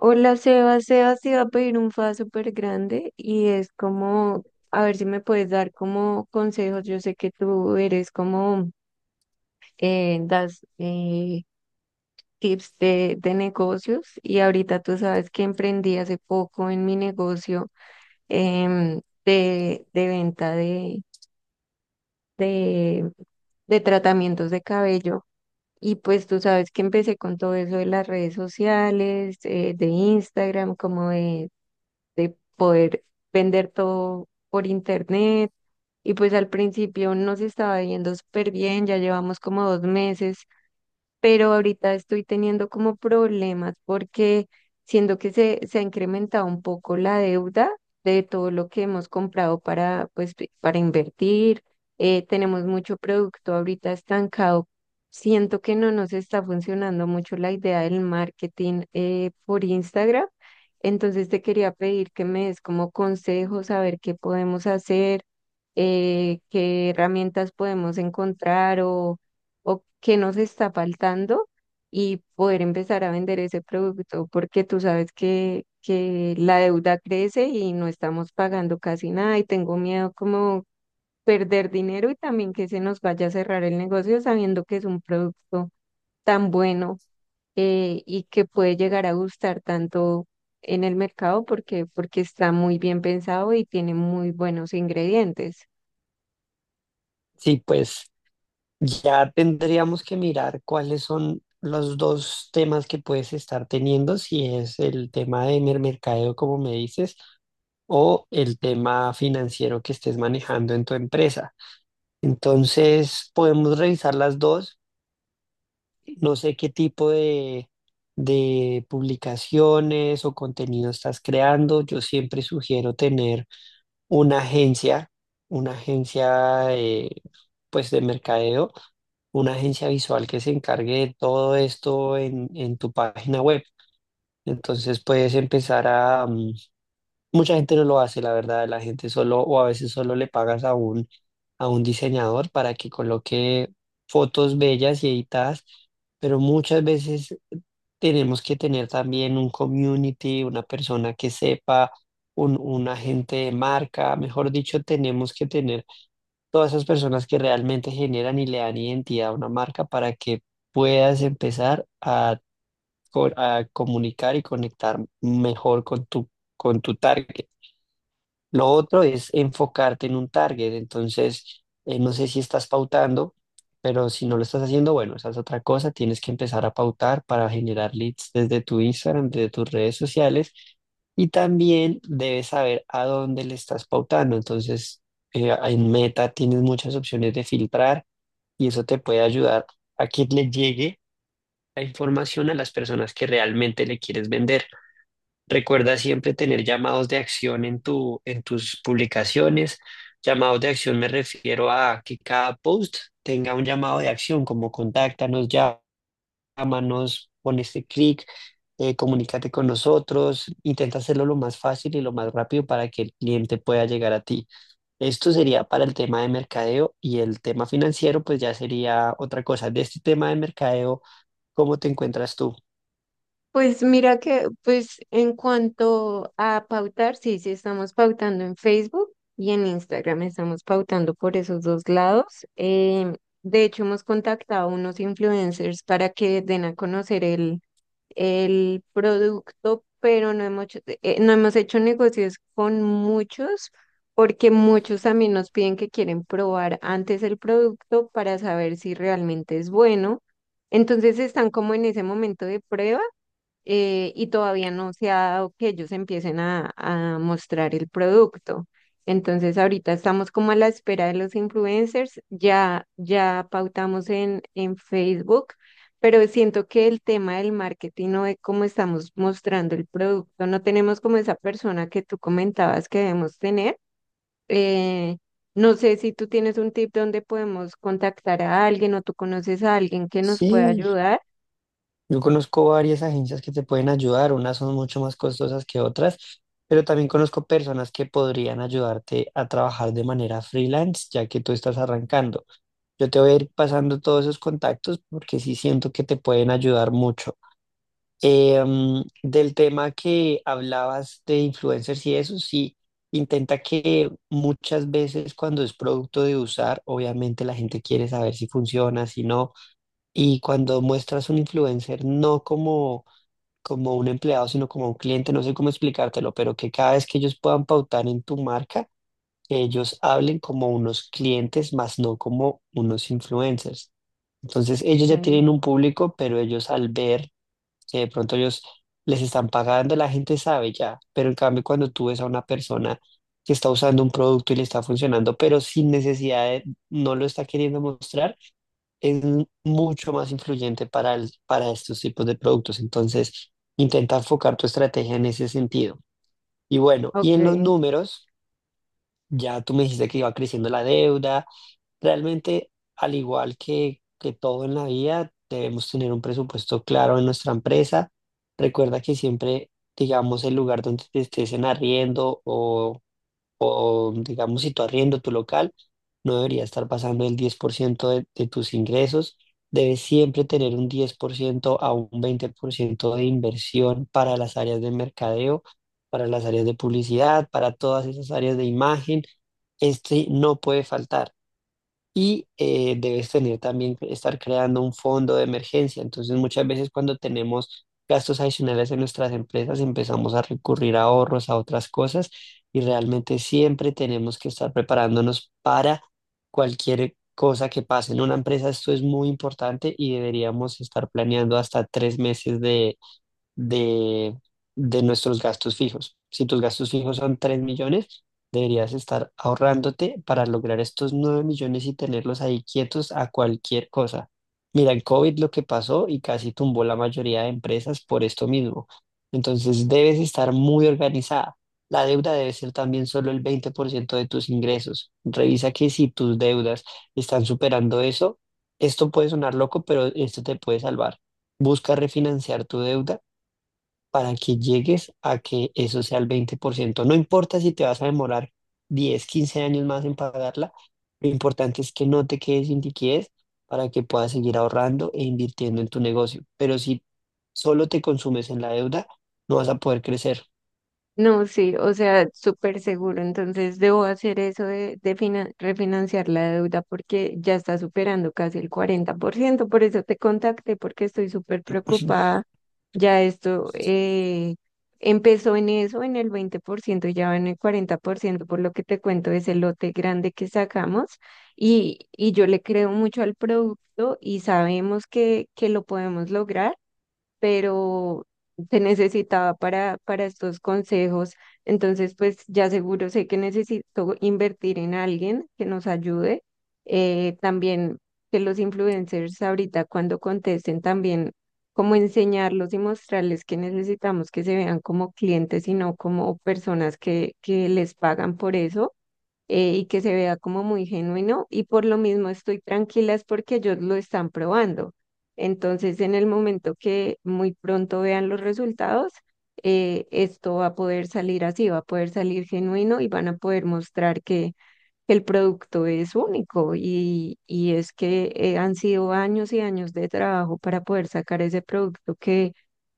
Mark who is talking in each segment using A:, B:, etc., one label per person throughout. A: Hola, Sebas. Sebas te iba a pedir un fa súper grande y es como, a ver si me puedes dar como consejos. Yo sé que tú eres como, das tips de negocios y ahorita tú sabes que emprendí hace poco en mi negocio de venta de, de tratamientos de cabello. Y pues tú sabes que empecé con todo eso de las redes sociales, de Instagram, como de poder vender todo por internet. Y pues al principio nos estaba yendo súper bien, ya llevamos como dos meses, pero ahorita estoy teniendo como problemas porque siento que se ha incrementado un poco la deuda de todo lo que hemos comprado para, pues, para invertir. Tenemos mucho producto ahorita estancado. Siento que no nos está funcionando mucho la idea del marketing por Instagram. Entonces te quería pedir que me des como consejos, a ver qué podemos hacer, qué herramientas podemos encontrar o qué nos está faltando y poder empezar a vender ese producto, porque tú sabes que la deuda crece y no estamos pagando casi nada y tengo miedo como perder dinero y también que se nos vaya a cerrar el negocio sabiendo que es un producto tan bueno, y que puede llegar a gustar tanto en el mercado porque está muy bien pensado y tiene muy buenos ingredientes.
B: Sí, pues ya tendríamos que mirar cuáles son los dos temas que puedes estar teniendo, si es el tema de mercadeo, como me dices, o el tema financiero que estés manejando en tu empresa. Entonces, podemos revisar las dos. No sé qué tipo de publicaciones o contenido estás creando. Yo siempre sugiero tener una agencia, una agencia pues de mercadeo, una agencia visual que se encargue de todo esto en tu página web. Entonces puedes empezar mucha gente no lo hace, la verdad. La gente solo, o a veces solo le pagas a un diseñador para que coloque fotos bellas y editadas, pero muchas veces tenemos que tener también un community, una persona que sepa, un agente de marca, mejor dicho, tenemos que tener todas esas personas que realmente generan y le dan identidad a una marca para que puedas empezar a, a comunicar y conectar mejor con tu target. Lo otro es enfocarte en un target. Entonces, no sé si estás pautando, pero si no lo estás haciendo, bueno, esa es otra cosa. Tienes que empezar a pautar para generar leads desde tu Instagram, desde tus redes sociales. Y también debes saber a dónde le estás pautando. Entonces, en Meta tienes muchas opciones de filtrar y eso te puede ayudar a que le llegue la información a las personas que realmente le quieres vender. Recuerda siempre tener llamados de acción en tu, en tus publicaciones. Llamados de acción me refiero a que cada post tenga un llamado de acción, como contáctanos, llámanos, pon este clic, comunícate con nosotros. Intenta hacerlo lo más fácil y lo más rápido para que el cliente pueda llegar a ti. Esto sería para el tema de mercadeo y el tema financiero, pues ya sería otra cosa. De este tema de mercadeo, ¿cómo te encuentras tú?
A: Pues mira que, pues en cuanto a pautar, sí, sí estamos pautando en Facebook y en Instagram, estamos pautando por esos dos lados. De hecho, hemos contactado a unos influencers para que den a conocer el producto, pero no hemos hecho negocios con muchos porque muchos también nos piden que quieren probar antes el producto para saber si realmente es bueno. Entonces están como en ese momento de prueba, y todavía no se ha dado que ellos empiecen a mostrar el producto. Entonces ahorita estamos como a la espera de los influencers, ya, ya pautamos en Facebook, pero siento que el tema del marketing o de cómo estamos mostrando el producto, no tenemos como esa persona que tú comentabas que debemos tener. Eh, no sé si tú tienes un tip donde podemos contactar a alguien o tú conoces a alguien que nos pueda
B: Sí,
A: ayudar.
B: yo conozco varias agencias que te pueden ayudar, unas son mucho más costosas que otras, pero también conozco personas que podrían ayudarte a trabajar de manera freelance, ya que tú estás arrancando. Yo te voy a ir pasando todos esos contactos porque sí siento que te pueden ayudar mucho. Del tema que hablabas de influencers y eso, sí, intenta que muchas veces cuando es producto de usar, obviamente la gente quiere saber si funciona, si no, y cuando muestras un influencer, no como como un empleado, sino como un cliente, no sé cómo explicártelo, pero que cada vez que ellos puedan pautar en tu marca, que ellos hablen como unos clientes, más no como unos influencers. Entonces, ellos ya
A: Mm.
B: tienen un público, pero ellos al ver que de pronto ellos les están pagando, la gente sabe ya, pero en cambio cuando tú ves a una persona que está usando un producto y le está funcionando, pero sin necesidad de, no lo está queriendo mostrar, es mucho más influyente para estos tipos de productos. Entonces, intenta enfocar tu estrategia en ese sentido. Y bueno, y en los
A: Ok.
B: números, ya tú me dijiste que iba creciendo la deuda. Realmente, al igual que, todo en la vida, debemos tener un presupuesto claro en nuestra empresa. Recuerda que siempre, digamos, el lugar donde te estés en arriendo o digamos si tú arriendo tu local, no debería estar pasando el 10% de tus ingresos. Debes siempre tener un 10% a un 20% de inversión para las áreas de mercadeo, para las áreas de publicidad, para todas esas áreas de imagen. Este no puede faltar. Y debes tener también que estar creando un fondo de emergencia. Entonces, muchas veces cuando tenemos gastos adicionales en nuestras empresas, empezamos a recurrir a ahorros, a otras cosas, y realmente siempre tenemos que estar preparándonos para cualquier cosa que pase. En una empresa esto es muy importante y deberíamos estar planeando hasta 3 meses de, de nuestros gastos fijos. Si tus gastos fijos son 3 millones, deberías estar ahorrándote para lograr estos 9 millones y tenerlos ahí quietos a cualquier cosa. Mira, el COVID lo que pasó y casi tumbó la mayoría de empresas por esto mismo. Entonces debes estar muy organizada. La deuda debe ser también solo el 20% de tus ingresos. Revisa que si tus deudas están superando eso, esto puede sonar loco, pero esto te puede salvar. Busca refinanciar tu deuda para que llegues a que eso sea el 20%. No importa si te vas a demorar 10, 15 años más en pagarla, lo importante es que no te quedes sin liquidez para que puedas seguir ahorrando e invirtiendo en tu negocio. Pero si solo te consumes en la deuda, no vas a poder crecer.
A: No, sí, o sea, súper seguro. Entonces debo hacer eso de refinanciar la deuda porque ya está superando casi el cuarenta por ciento. Por eso te contacté, porque estoy súper preocupada. Ya esto empezó en eso, en el veinte por ciento y ya va en el 40%, por ciento, por lo que te cuento, es el lote grande que sacamos. Y yo le creo mucho al producto y sabemos que lo podemos lograr, pero te necesitaba para estos consejos. Entonces, pues ya seguro sé que necesito invertir en alguien que nos ayude. También que los influencers ahorita cuando contesten también como enseñarlos y mostrarles que necesitamos que se vean como clientes y no como personas que les pagan por eso, y que se vea como muy genuino y por lo mismo estoy tranquila es porque ellos lo están probando. Entonces, en el momento que muy pronto vean los resultados, esto va a poder salir así, va a poder salir genuino y van a poder mostrar que el producto es único, y es que han sido años y años de trabajo para poder sacar ese producto que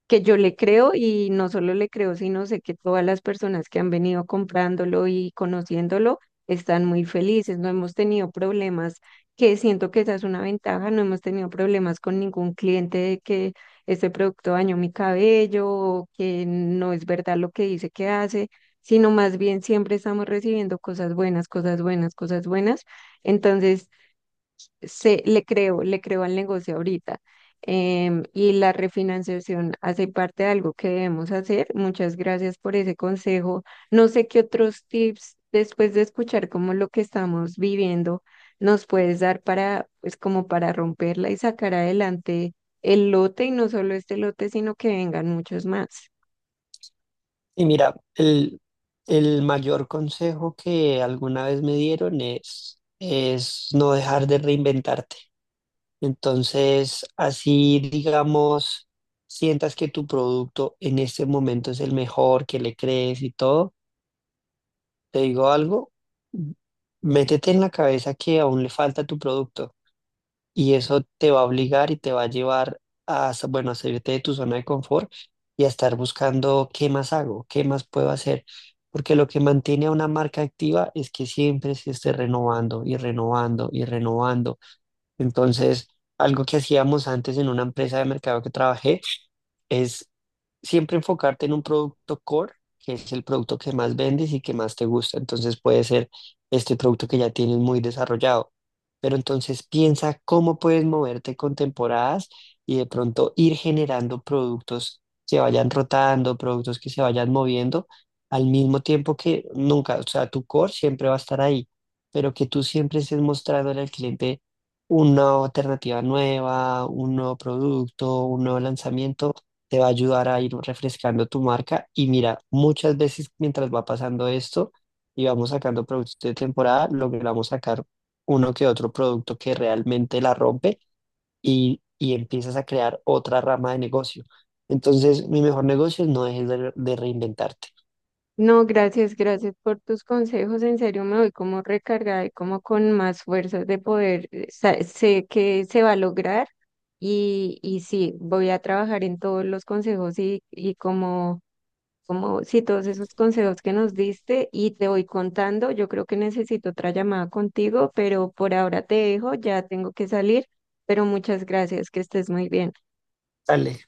A: que yo le creo y no solo le creo, sino sé que todas las personas que han venido comprándolo y conociéndolo están muy felices, no hemos tenido problemas, que siento que esa es una ventaja, no hemos tenido problemas con ningún cliente de que este producto dañó mi cabello o que no es verdad lo que dice que hace, sino más bien siempre estamos recibiendo cosas buenas, cosas buenas, cosas buenas. Entonces, le creo al negocio ahorita. Y la refinanciación hace parte de algo que debemos hacer. Muchas gracias por ese consejo. No sé qué otros tips, después de escuchar como lo que estamos viviendo, nos puedes dar para, pues como para romperla y sacar adelante el lote y no solo este lote, sino que vengan muchos más.
B: Y mira, el mayor consejo que alguna vez me dieron es no dejar de reinventarte. Entonces, así digamos, sientas que tu producto en este momento es el mejor, que le crees y todo, te digo algo, m- métete en la cabeza que aún le falta a tu producto y eso te va a obligar y te va a llevar a, bueno, a salirte de tu zona de confort y a estar buscando qué más hago, qué más puedo hacer. Porque lo que mantiene a una marca activa es que siempre se esté renovando y renovando y renovando. Entonces, algo que hacíamos antes en una empresa de mercado que trabajé, es siempre enfocarte en un producto core, que es el producto que más vendes y que más te gusta. Entonces puede ser este producto que ya tienes muy desarrollado. Pero entonces piensa cómo puedes moverte con temporadas y de pronto ir generando productos que vayan rotando, productos que se vayan moviendo al mismo tiempo que nunca, o sea, tu core siempre va a estar ahí, pero que tú siempre estés mostrándole al cliente una alternativa nueva, un nuevo producto, un nuevo lanzamiento te va a ayudar a ir refrescando tu marca. Y mira, muchas veces mientras va pasando esto y vamos sacando productos de temporada, logramos sacar uno que otro producto que realmente la rompe y empiezas a crear otra rama de negocio. Entonces, mi mejor negocio es no dejes de reinventarte.
A: No, gracias, gracias por tus consejos. En serio, me voy como recargada y como con más fuerzas de poder. Sé que se va a lograr y sí, voy a trabajar en todos los consejos y como, como, sí, todos esos consejos que nos diste y te voy contando. Yo creo que necesito otra llamada contigo, pero por ahora te dejo, ya tengo que salir, pero muchas gracias, que estés muy bien.
B: Dale.